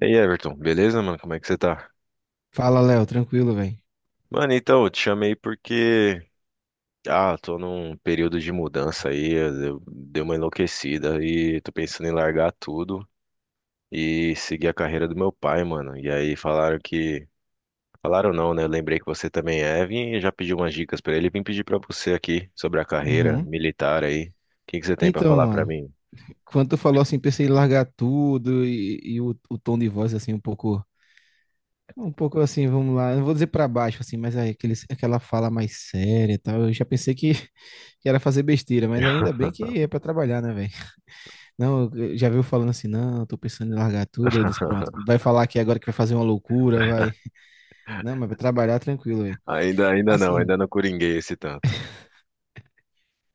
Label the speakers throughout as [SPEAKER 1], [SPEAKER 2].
[SPEAKER 1] E aí, Everton, beleza, mano? Como é que você tá?
[SPEAKER 2] Fala, Léo, tranquilo, velho.
[SPEAKER 1] Mano, então, eu te chamei porque. Ah, tô num período de mudança aí, deu uma enlouquecida e tô pensando em largar tudo e seguir a carreira do meu pai, mano. E aí falaram que. Falaram não, né? Eu lembrei que você também é, vim e já pedi umas dicas pra ele. Vim pedir pra você aqui sobre a carreira
[SPEAKER 2] Uhum.
[SPEAKER 1] militar aí. O que que você tem pra
[SPEAKER 2] Então,
[SPEAKER 1] falar pra
[SPEAKER 2] mano,
[SPEAKER 1] mim?
[SPEAKER 2] quando tu falou assim, pensei em largar tudo e o tom de voz assim um pouco assim, vamos lá. Eu não vou dizer pra baixo, assim, mas aí aquela fala mais séria e tal. Eu já pensei que, que era fazer besteira, mas ainda bem que é pra trabalhar, né, velho? Não, já viu falando assim, não, eu tô pensando em largar tudo. Eu disse, pronto, vai falar aqui agora que vai fazer uma loucura, vai. Não, mas vai trabalhar tranquilo, velho.
[SPEAKER 1] Ainda, ainda não,
[SPEAKER 2] Assim,
[SPEAKER 1] ainda não coringuei esse tanto.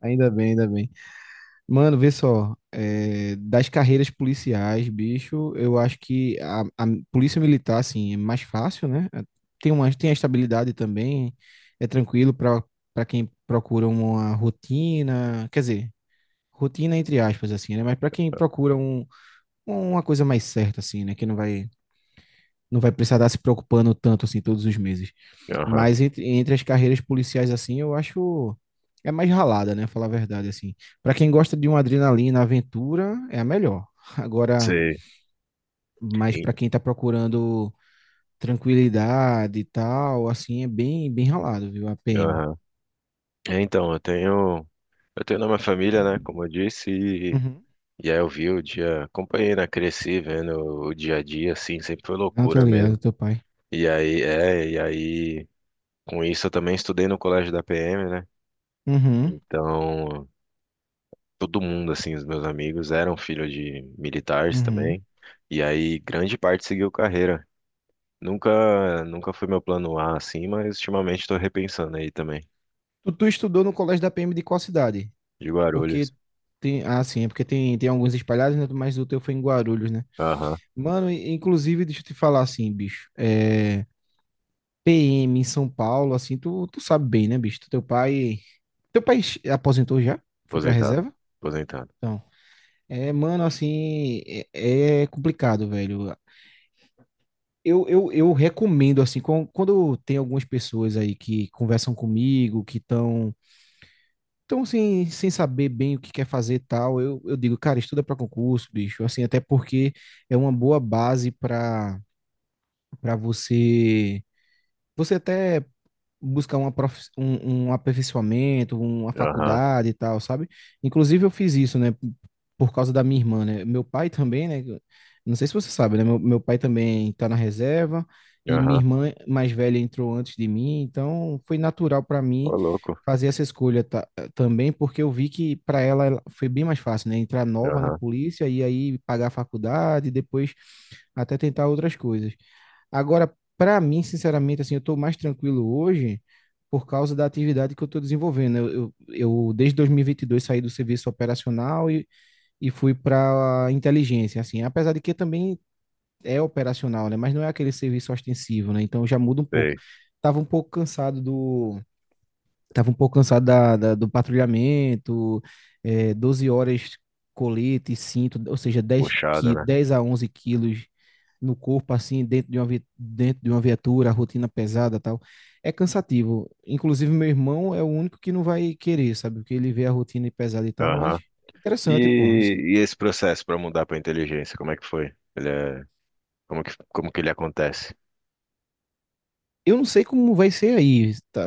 [SPEAKER 2] ainda bem, ainda bem. Mano, vê só, é, das carreiras policiais, bicho, eu acho que a polícia militar, assim, é mais fácil, né? É, tem a estabilidade também, é tranquilo para quem procura uma rotina, quer dizer, rotina entre aspas, assim, né? Mas para quem procura uma coisa mais certa, assim, né? Que não vai precisar estar se preocupando tanto, assim, todos os meses.
[SPEAKER 1] Aham,
[SPEAKER 2] Mas entre as carreiras policiais, assim, eu acho é mais ralada, né? Falar a verdade, assim. Para quem gosta de uma adrenalina, aventura, é a melhor. Agora,
[SPEAKER 1] sei.
[SPEAKER 2] mas
[SPEAKER 1] Sim.
[SPEAKER 2] para quem tá procurando tranquilidade e tal, assim, é bem, bem ralado, viu? A PM.
[SPEAKER 1] É, então, eu tenho na minha família, né, como eu disse,
[SPEAKER 2] Uhum.
[SPEAKER 1] e aí eu vi o dia, acompanhei, né, cresci vendo o dia a dia, assim, sempre foi
[SPEAKER 2] Não, tô
[SPEAKER 1] loucura
[SPEAKER 2] ligado,
[SPEAKER 1] mesmo.
[SPEAKER 2] teu pai.
[SPEAKER 1] E aí, com isso eu também estudei no colégio da PM, né,
[SPEAKER 2] Uhum,
[SPEAKER 1] então todo mundo, assim, os meus amigos eram filhos de militares
[SPEAKER 2] uhum.
[SPEAKER 1] também, e aí grande parte seguiu carreira. Nunca foi meu plano A, assim, mas ultimamente estou repensando aí também,
[SPEAKER 2] Tu estudou no colégio da PM de qual cidade?
[SPEAKER 1] de
[SPEAKER 2] Porque
[SPEAKER 1] Guarulhos.
[SPEAKER 2] tem, ah, sim, é porque tem alguns espalhados, né? Mas o teu foi em Guarulhos, né?
[SPEAKER 1] Aham,
[SPEAKER 2] Mano, inclusive, deixa eu te falar assim, bicho. É, PM em São Paulo, assim, tu sabe bem, né, bicho? Teu pai aposentou já? Foi pra
[SPEAKER 1] aposentado,
[SPEAKER 2] reserva?
[SPEAKER 1] aposentado.
[SPEAKER 2] Então. É, mano, assim, é complicado, velho. Eu recomendo, assim, quando tem algumas pessoas aí que conversam comigo, que estão tão, assim, sem saber bem o que quer fazer e tal, eu digo, cara, estuda pra concurso, bicho. Assim, até porque é uma boa base pra para você. Você até buscar um aperfeiçoamento, uma
[SPEAKER 1] Aham.
[SPEAKER 2] faculdade e tal, sabe? Inclusive eu fiz isso, né? Por causa da minha irmã, né? Meu pai também, né? Não sei se você sabe, né? Meu pai também tá na reserva e minha
[SPEAKER 1] Aham.
[SPEAKER 2] irmã mais velha entrou antes de mim, então foi natural para
[SPEAKER 1] Ô,
[SPEAKER 2] mim
[SPEAKER 1] louco.
[SPEAKER 2] fazer essa escolha também, porque eu vi que para ela foi bem mais fácil, né? Entrar nova na
[SPEAKER 1] Aham.
[SPEAKER 2] polícia e aí pagar a faculdade, e depois até tentar outras coisas. Agora, para mim, sinceramente, assim, eu estou mais tranquilo hoje por causa da atividade que eu estou desenvolvendo, né? Desde 2022, saí do serviço operacional e fui para inteligência, assim, apesar de que também é operacional, né? Mas não é aquele serviço ostensivo, né? Então já muda um pouco.
[SPEAKER 1] Sei.
[SPEAKER 2] Estava um pouco cansado do Tava um pouco cansado do patrulhamento, é, 12 horas colete, e cinto, ou seja,
[SPEAKER 1] Puxado, né?
[SPEAKER 2] 10 a onze quilos no corpo, assim, dentro de uma viatura, rotina pesada e tal. É cansativo. Inclusive, meu irmão é o único que não vai querer, sabe? Porque ele vê a rotina pesada e tal, mas
[SPEAKER 1] Aham.
[SPEAKER 2] interessante, pô.
[SPEAKER 1] E, e esse processo para mudar para inteligência, como é que foi? Como que ele acontece?
[SPEAKER 2] Eu não sei como vai ser aí, tá?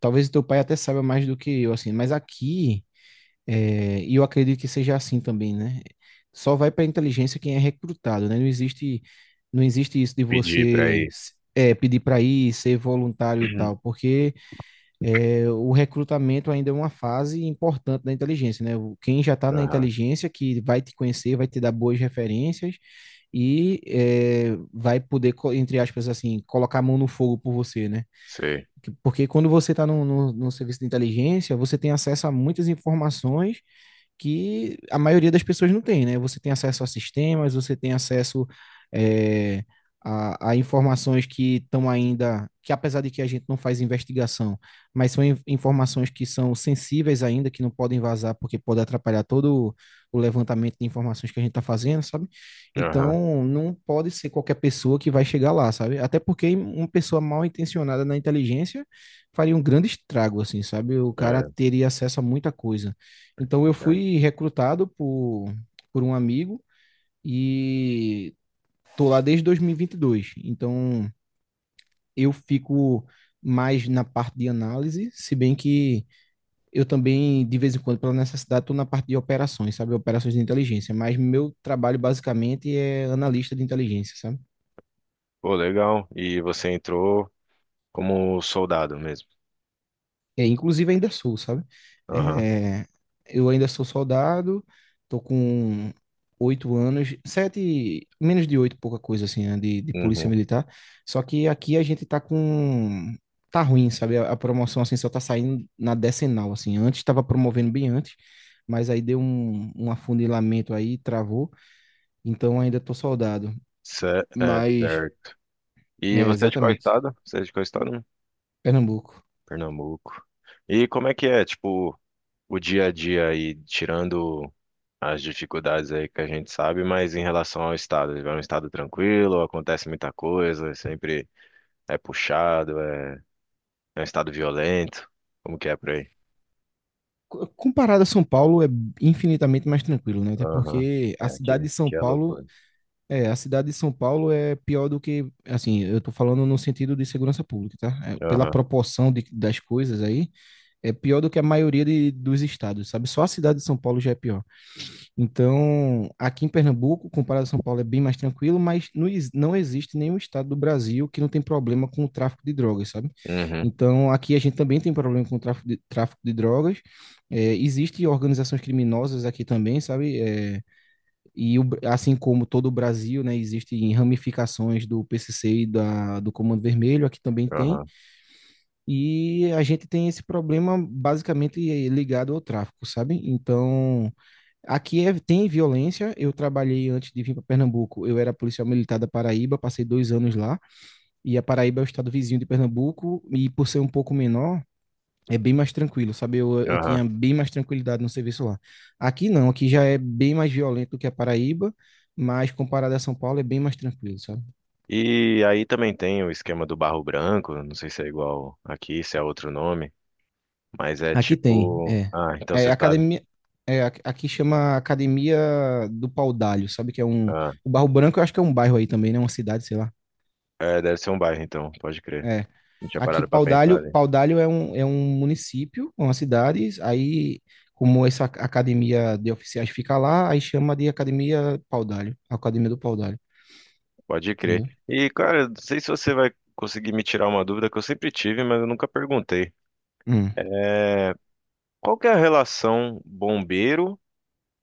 [SPEAKER 2] Talvez o teu pai até saiba mais do que eu, assim, mas aqui. É, e eu acredito que seja assim também, né? Só vai para inteligência quem é recrutado, né? Não existe isso de
[SPEAKER 1] Pedir para
[SPEAKER 2] você
[SPEAKER 1] ir.
[SPEAKER 2] é, pedir para ir, ser voluntário e tal, porque é, o recrutamento ainda é uma fase importante da inteligência, né? Quem já está na
[SPEAKER 1] Aham.
[SPEAKER 2] inteligência, que vai te conhecer, vai te dar boas referências e é, vai poder, entre aspas, assim, colocar a mão no fogo por você, né?
[SPEAKER 1] Sei.
[SPEAKER 2] Porque quando você está no serviço de inteligência, você tem acesso a muitas informações que a maioria das pessoas não tem, né? Você tem acesso a sistemas, você tem acesso é, a informações que estão ainda, que apesar de que a gente não faz investigação, mas são informações que são sensíveis ainda, que não podem vazar porque pode atrapalhar todo o levantamento de informações que a gente está fazendo, sabe?
[SPEAKER 1] Aham.
[SPEAKER 2] Então, não pode ser qualquer pessoa que vai chegar lá, sabe? Até porque uma pessoa mal intencionada na inteligência faria um grande estrago, assim, sabe? O cara
[SPEAKER 1] É,
[SPEAKER 2] teria acesso a muita coisa. Então eu
[SPEAKER 1] verdade.
[SPEAKER 2] fui recrutado por um amigo e tô lá desde dois mil e vinte e dois. Então eu fico mais na parte de análise, se bem que eu também, de vez em quando, pela necessidade, estou na parte de operações, sabe? Operações de inteligência. Mas meu trabalho, basicamente, é analista de inteligência, sabe?
[SPEAKER 1] Pô, legal. E você entrou como soldado mesmo.
[SPEAKER 2] É, inclusive ainda sou, sabe?
[SPEAKER 1] Aham.
[SPEAKER 2] É, eu ainda sou soldado, tô com 8 anos, sete, menos de oito, pouca coisa assim, né, de polícia
[SPEAKER 1] Uhum.
[SPEAKER 2] militar. Só que aqui a gente tá ruim, sabe? A promoção assim só tá saindo na decenal, assim. Antes estava promovendo bem antes, mas aí deu um afunilamento aí, travou. Então ainda tô soldado, mas,
[SPEAKER 1] Certo. E
[SPEAKER 2] é,
[SPEAKER 1] você é de qual
[SPEAKER 2] exatamente,
[SPEAKER 1] estado? Você é de qual estado?
[SPEAKER 2] Pernambuco.
[SPEAKER 1] Pernambuco. E como é que é, tipo, o dia a dia aí, tirando as dificuldades aí que a gente sabe, mas em relação ao estado, é um estado tranquilo, acontece muita coisa, é sempre puxado, é, é um estado violento. Como que é por aí?
[SPEAKER 2] Comparado a São Paulo, é infinitamente mais tranquilo, né? Até
[SPEAKER 1] Aham.
[SPEAKER 2] porque
[SPEAKER 1] É, aqui, aqui é loucura.
[SPEAKER 2] A cidade de São Paulo é pior do que, assim, eu tô falando no sentido de segurança pública, tá? É, pela
[SPEAKER 1] Aham.
[SPEAKER 2] proporção das coisas aí, é pior do que a maioria dos estados, sabe? Só a cidade de São Paulo já é pior. Então, aqui em Pernambuco, comparado a São Paulo, é bem mais tranquilo, mas não, não existe nenhum estado do Brasil que não tem problema com o tráfico de drogas, sabe?
[SPEAKER 1] Uhum.
[SPEAKER 2] Então, aqui a gente também tem problema com o tráfico de drogas. É, existem organizações criminosas aqui também, sabe? É, e o assim como todo o Brasil, né, existem ramificações do PCC e do Comando Vermelho, aqui também tem.
[SPEAKER 1] Aham.
[SPEAKER 2] E a gente tem esse problema basicamente ligado ao tráfico, sabe? Então. Aqui tem violência. Eu trabalhei antes de vir para Pernambuco. Eu era policial militar da Paraíba, passei 2 anos lá. E a Paraíba é o estado vizinho de Pernambuco. E por ser um pouco menor, é bem mais tranquilo, sabe? Eu
[SPEAKER 1] Aham.
[SPEAKER 2] tinha bem mais tranquilidade no serviço lá. Aqui não, aqui já é bem mais violento do que a Paraíba, mas comparado a São Paulo é bem mais tranquilo, sabe?
[SPEAKER 1] E aí também tem o esquema do barro branco, não sei se é igual aqui, se é outro nome, mas é
[SPEAKER 2] Aqui tem,
[SPEAKER 1] tipo.
[SPEAKER 2] é.
[SPEAKER 1] Ah, então
[SPEAKER 2] É
[SPEAKER 1] você sabe.
[SPEAKER 2] academia. É, aqui chama Academia do Paudalho, sabe? Que é um.
[SPEAKER 1] Ah,
[SPEAKER 2] O Barro Branco, eu acho que é um bairro aí também, né? Uma cidade, sei lá.
[SPEAKER 1] é, deve ser um bairro, então, pode crer.
[SPEAKER 2] É.
[SPEAKER 1] Não tinha
[SPEAKER 2] Aqui,
[SPEAKER 1] parado pra pensar,
[SPEAKER 2] Paudalho,
[SPEAKER 1] né?
[SPEAKER 2] Paudalho é um município, uma cidade, aí, como essa academia de oficiais fica lá, aí chama de Academia Paudalho, Academia do Paudalho,
[SPEAKER 1] Pode crer.
[SPEAKER 2] entendeu?
[SPEAKER 1] E, cara, não sei se você vai conseguir me tirar uma dúvida que eu sempre tive, mas eu nunca perguntei.
[SPEAKER 2] Hum,
[SPEAKER 1] É, qual que é a relação bombeiro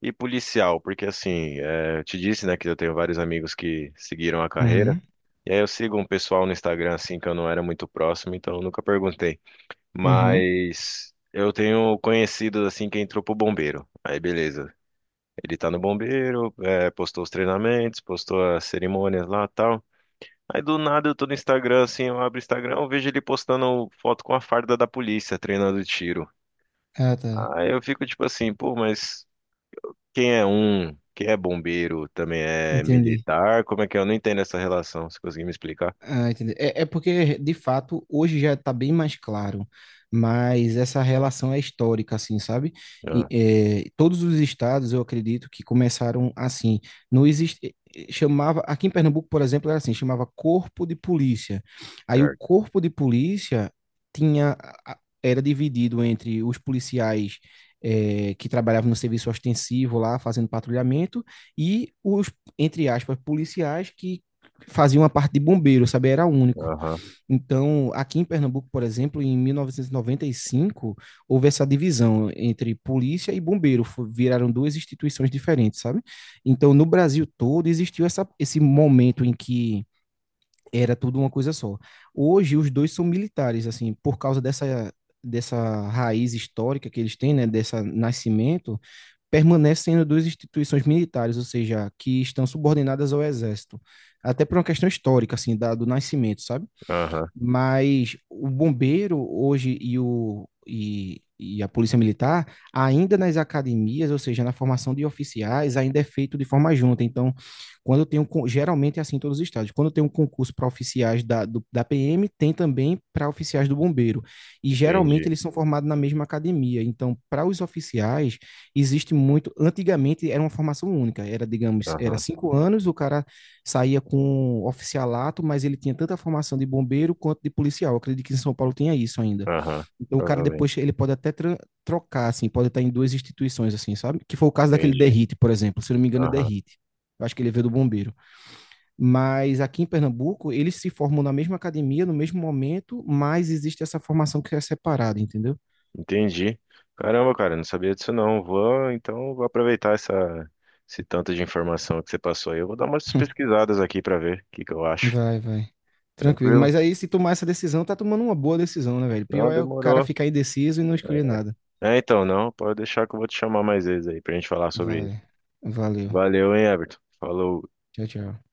[SPEAKER 1] e policial? Porque, assim, é, eu te disse, né, que eu tenho vários amigos que seguiram a carreira.
[SPEAKER 2] uhum,
[SPEAKER 1] E aí eu sigo um pessoal no Instagram, assim, que eu não era muito próximo, então eu nunca perguntei.
[SPEAKER 2] uhum.
[SPEAKER 1] Mas eu tenho conhecidos, assim, que entrou pro bombeiro. Aí, beleza. Ele tá no bombeiro, é, postou os treinamentos, postou as cerimônias lá, tal. Aí do nada eu tô no Instagram, assim, eu abro o Instagram, eu vejo ele postando foto com a farda da polícia treinando tiro.
[SPEAKER 2] Ah, tá,
[SPEAKER 1] Aí eu fico tipo assim, pô, mas quem é bombeiro, também é
[SPEAKER 2] entendi.
[SPEAKER 1] militar? Como é que é? Eu não entendo essa relação, se conseguir me explicar.
[SPEAKER 2] Ah, entendi. É porque, de fato, hoje já está bem mais claro, mas essa relação é histórica, assim, sabe? E,
[SPEAKER 1] Ah,
[SPEAKER 2] é, todos os estados, eu acredito, que começaram assim. Não existe. Chamava. Aqui em Pernambuco, por exemplo, era assim: chamava Corpo de Polícia. Aí o
[SPEAKER 1] certo.
[SPEAKER 2] Corpo de Polícia tinha. Era dividido entre os policiais, é, que trabalhavam no serviço ostensivo lá, fazendo patrulhamento, e os, entre aspas, policiais que fazia uma parte de bombeiro, sabe? Era único.
[SPEAKER 1] Aham,
[SPEAKER 2] Então, aqui em Pernambuco, por exemplo, em 1995, houve essa divisão entre polícia e bombeiro, viraram duas instituições diferentes, sabe? Então, no Brasil todo existiu esse momento em que era tudo uma coisa só. Hoje, os dois são militares, assim, por causa dessa raiz histórica que eles têm, né, desse nascimento, permanecem sendo duas instituições militares, ou seja, que estão subordinadas ao exército. Até por uma questão histórica, assim, do nascimento, sabe?
[SPEAKER 1] aham,
[SPEAKER 2] Mas o bombeiro hoje e a polícia militar, ainda nas academias, ou seja, na formação de oficiais, ainda é feito de forma junta. Então, quando eu tenho, geralmente é assim em todos os estados, quando eu tenho um concurso para oficiais da PM, tem também para oficiais do bombeiro. E geralmente
[SPEAKER 1] entendi.
[SPEAKER 2] eles são formados na mesma academia. Então, para os oficiais, existe muito. Antigamente era uma formação única, era, digamos, era
[SPEAKER 1] Aham,
[SPEAKER 2] 5 anos, o cara saía com um oficialato, mas ele tinha tanta formação de bombeiro quanto de policial. Eu acredito que em São Paulo tinha isso ainda.
[SPEAKER 1] aham,
[SPEAKER 2] Então o cara
[SPEAKER 1] provavelmente.
[SPEAKER 2] depois ele pode até trocar, assim, pode estar em duas instituições, assim, sabe? Que foi o caso daquele
[SPEAKER 1] Entendi.
[SPEAKER 2] Derrite, por exemplo. Se não me engano, é
[SPEAKER 1] Aham,
[SPEAKER 2] Derrite. Eu acho que ele veio do bombeiro. Mas aqui em Pernambuco, eles se formam na mesma academia, no mesmo momento, mas existe essa formação que é separada, entendeu?
[SPEAKER 1] entendi. Caramba, cara, eu não sabia disso não. Vou aproveitar esse tanto de informação que você passou aí. Eu vou dar umas pesquisadas aqui pra ver o que que eu acho.
[SPEAKER 2] Vai, vai. Tranquilo.
[SPEAKER 1] Tranquilo?
[SPEAKER 2] Mas aí, se tomar essa decisão, tá tomando uma boa decisão, né, velho?
[SPEAKER 1] Não,
[SPEAKER 2] Pior é o cara
[SPEAKER 1] demorou.
[SPEAKER 2] ficar indeciso e não escolher nada.
[SPEAKER 1] É, então, não, pode deixar que eu vou te chamar mais vezes aí pra gente falar sobre isso.
[SPEAKER 2] Vai. Valeu.
[SPEAKER 1] Valeu, hein, Everton? Falou.
[SPEAKER 2] Tchau, tchau.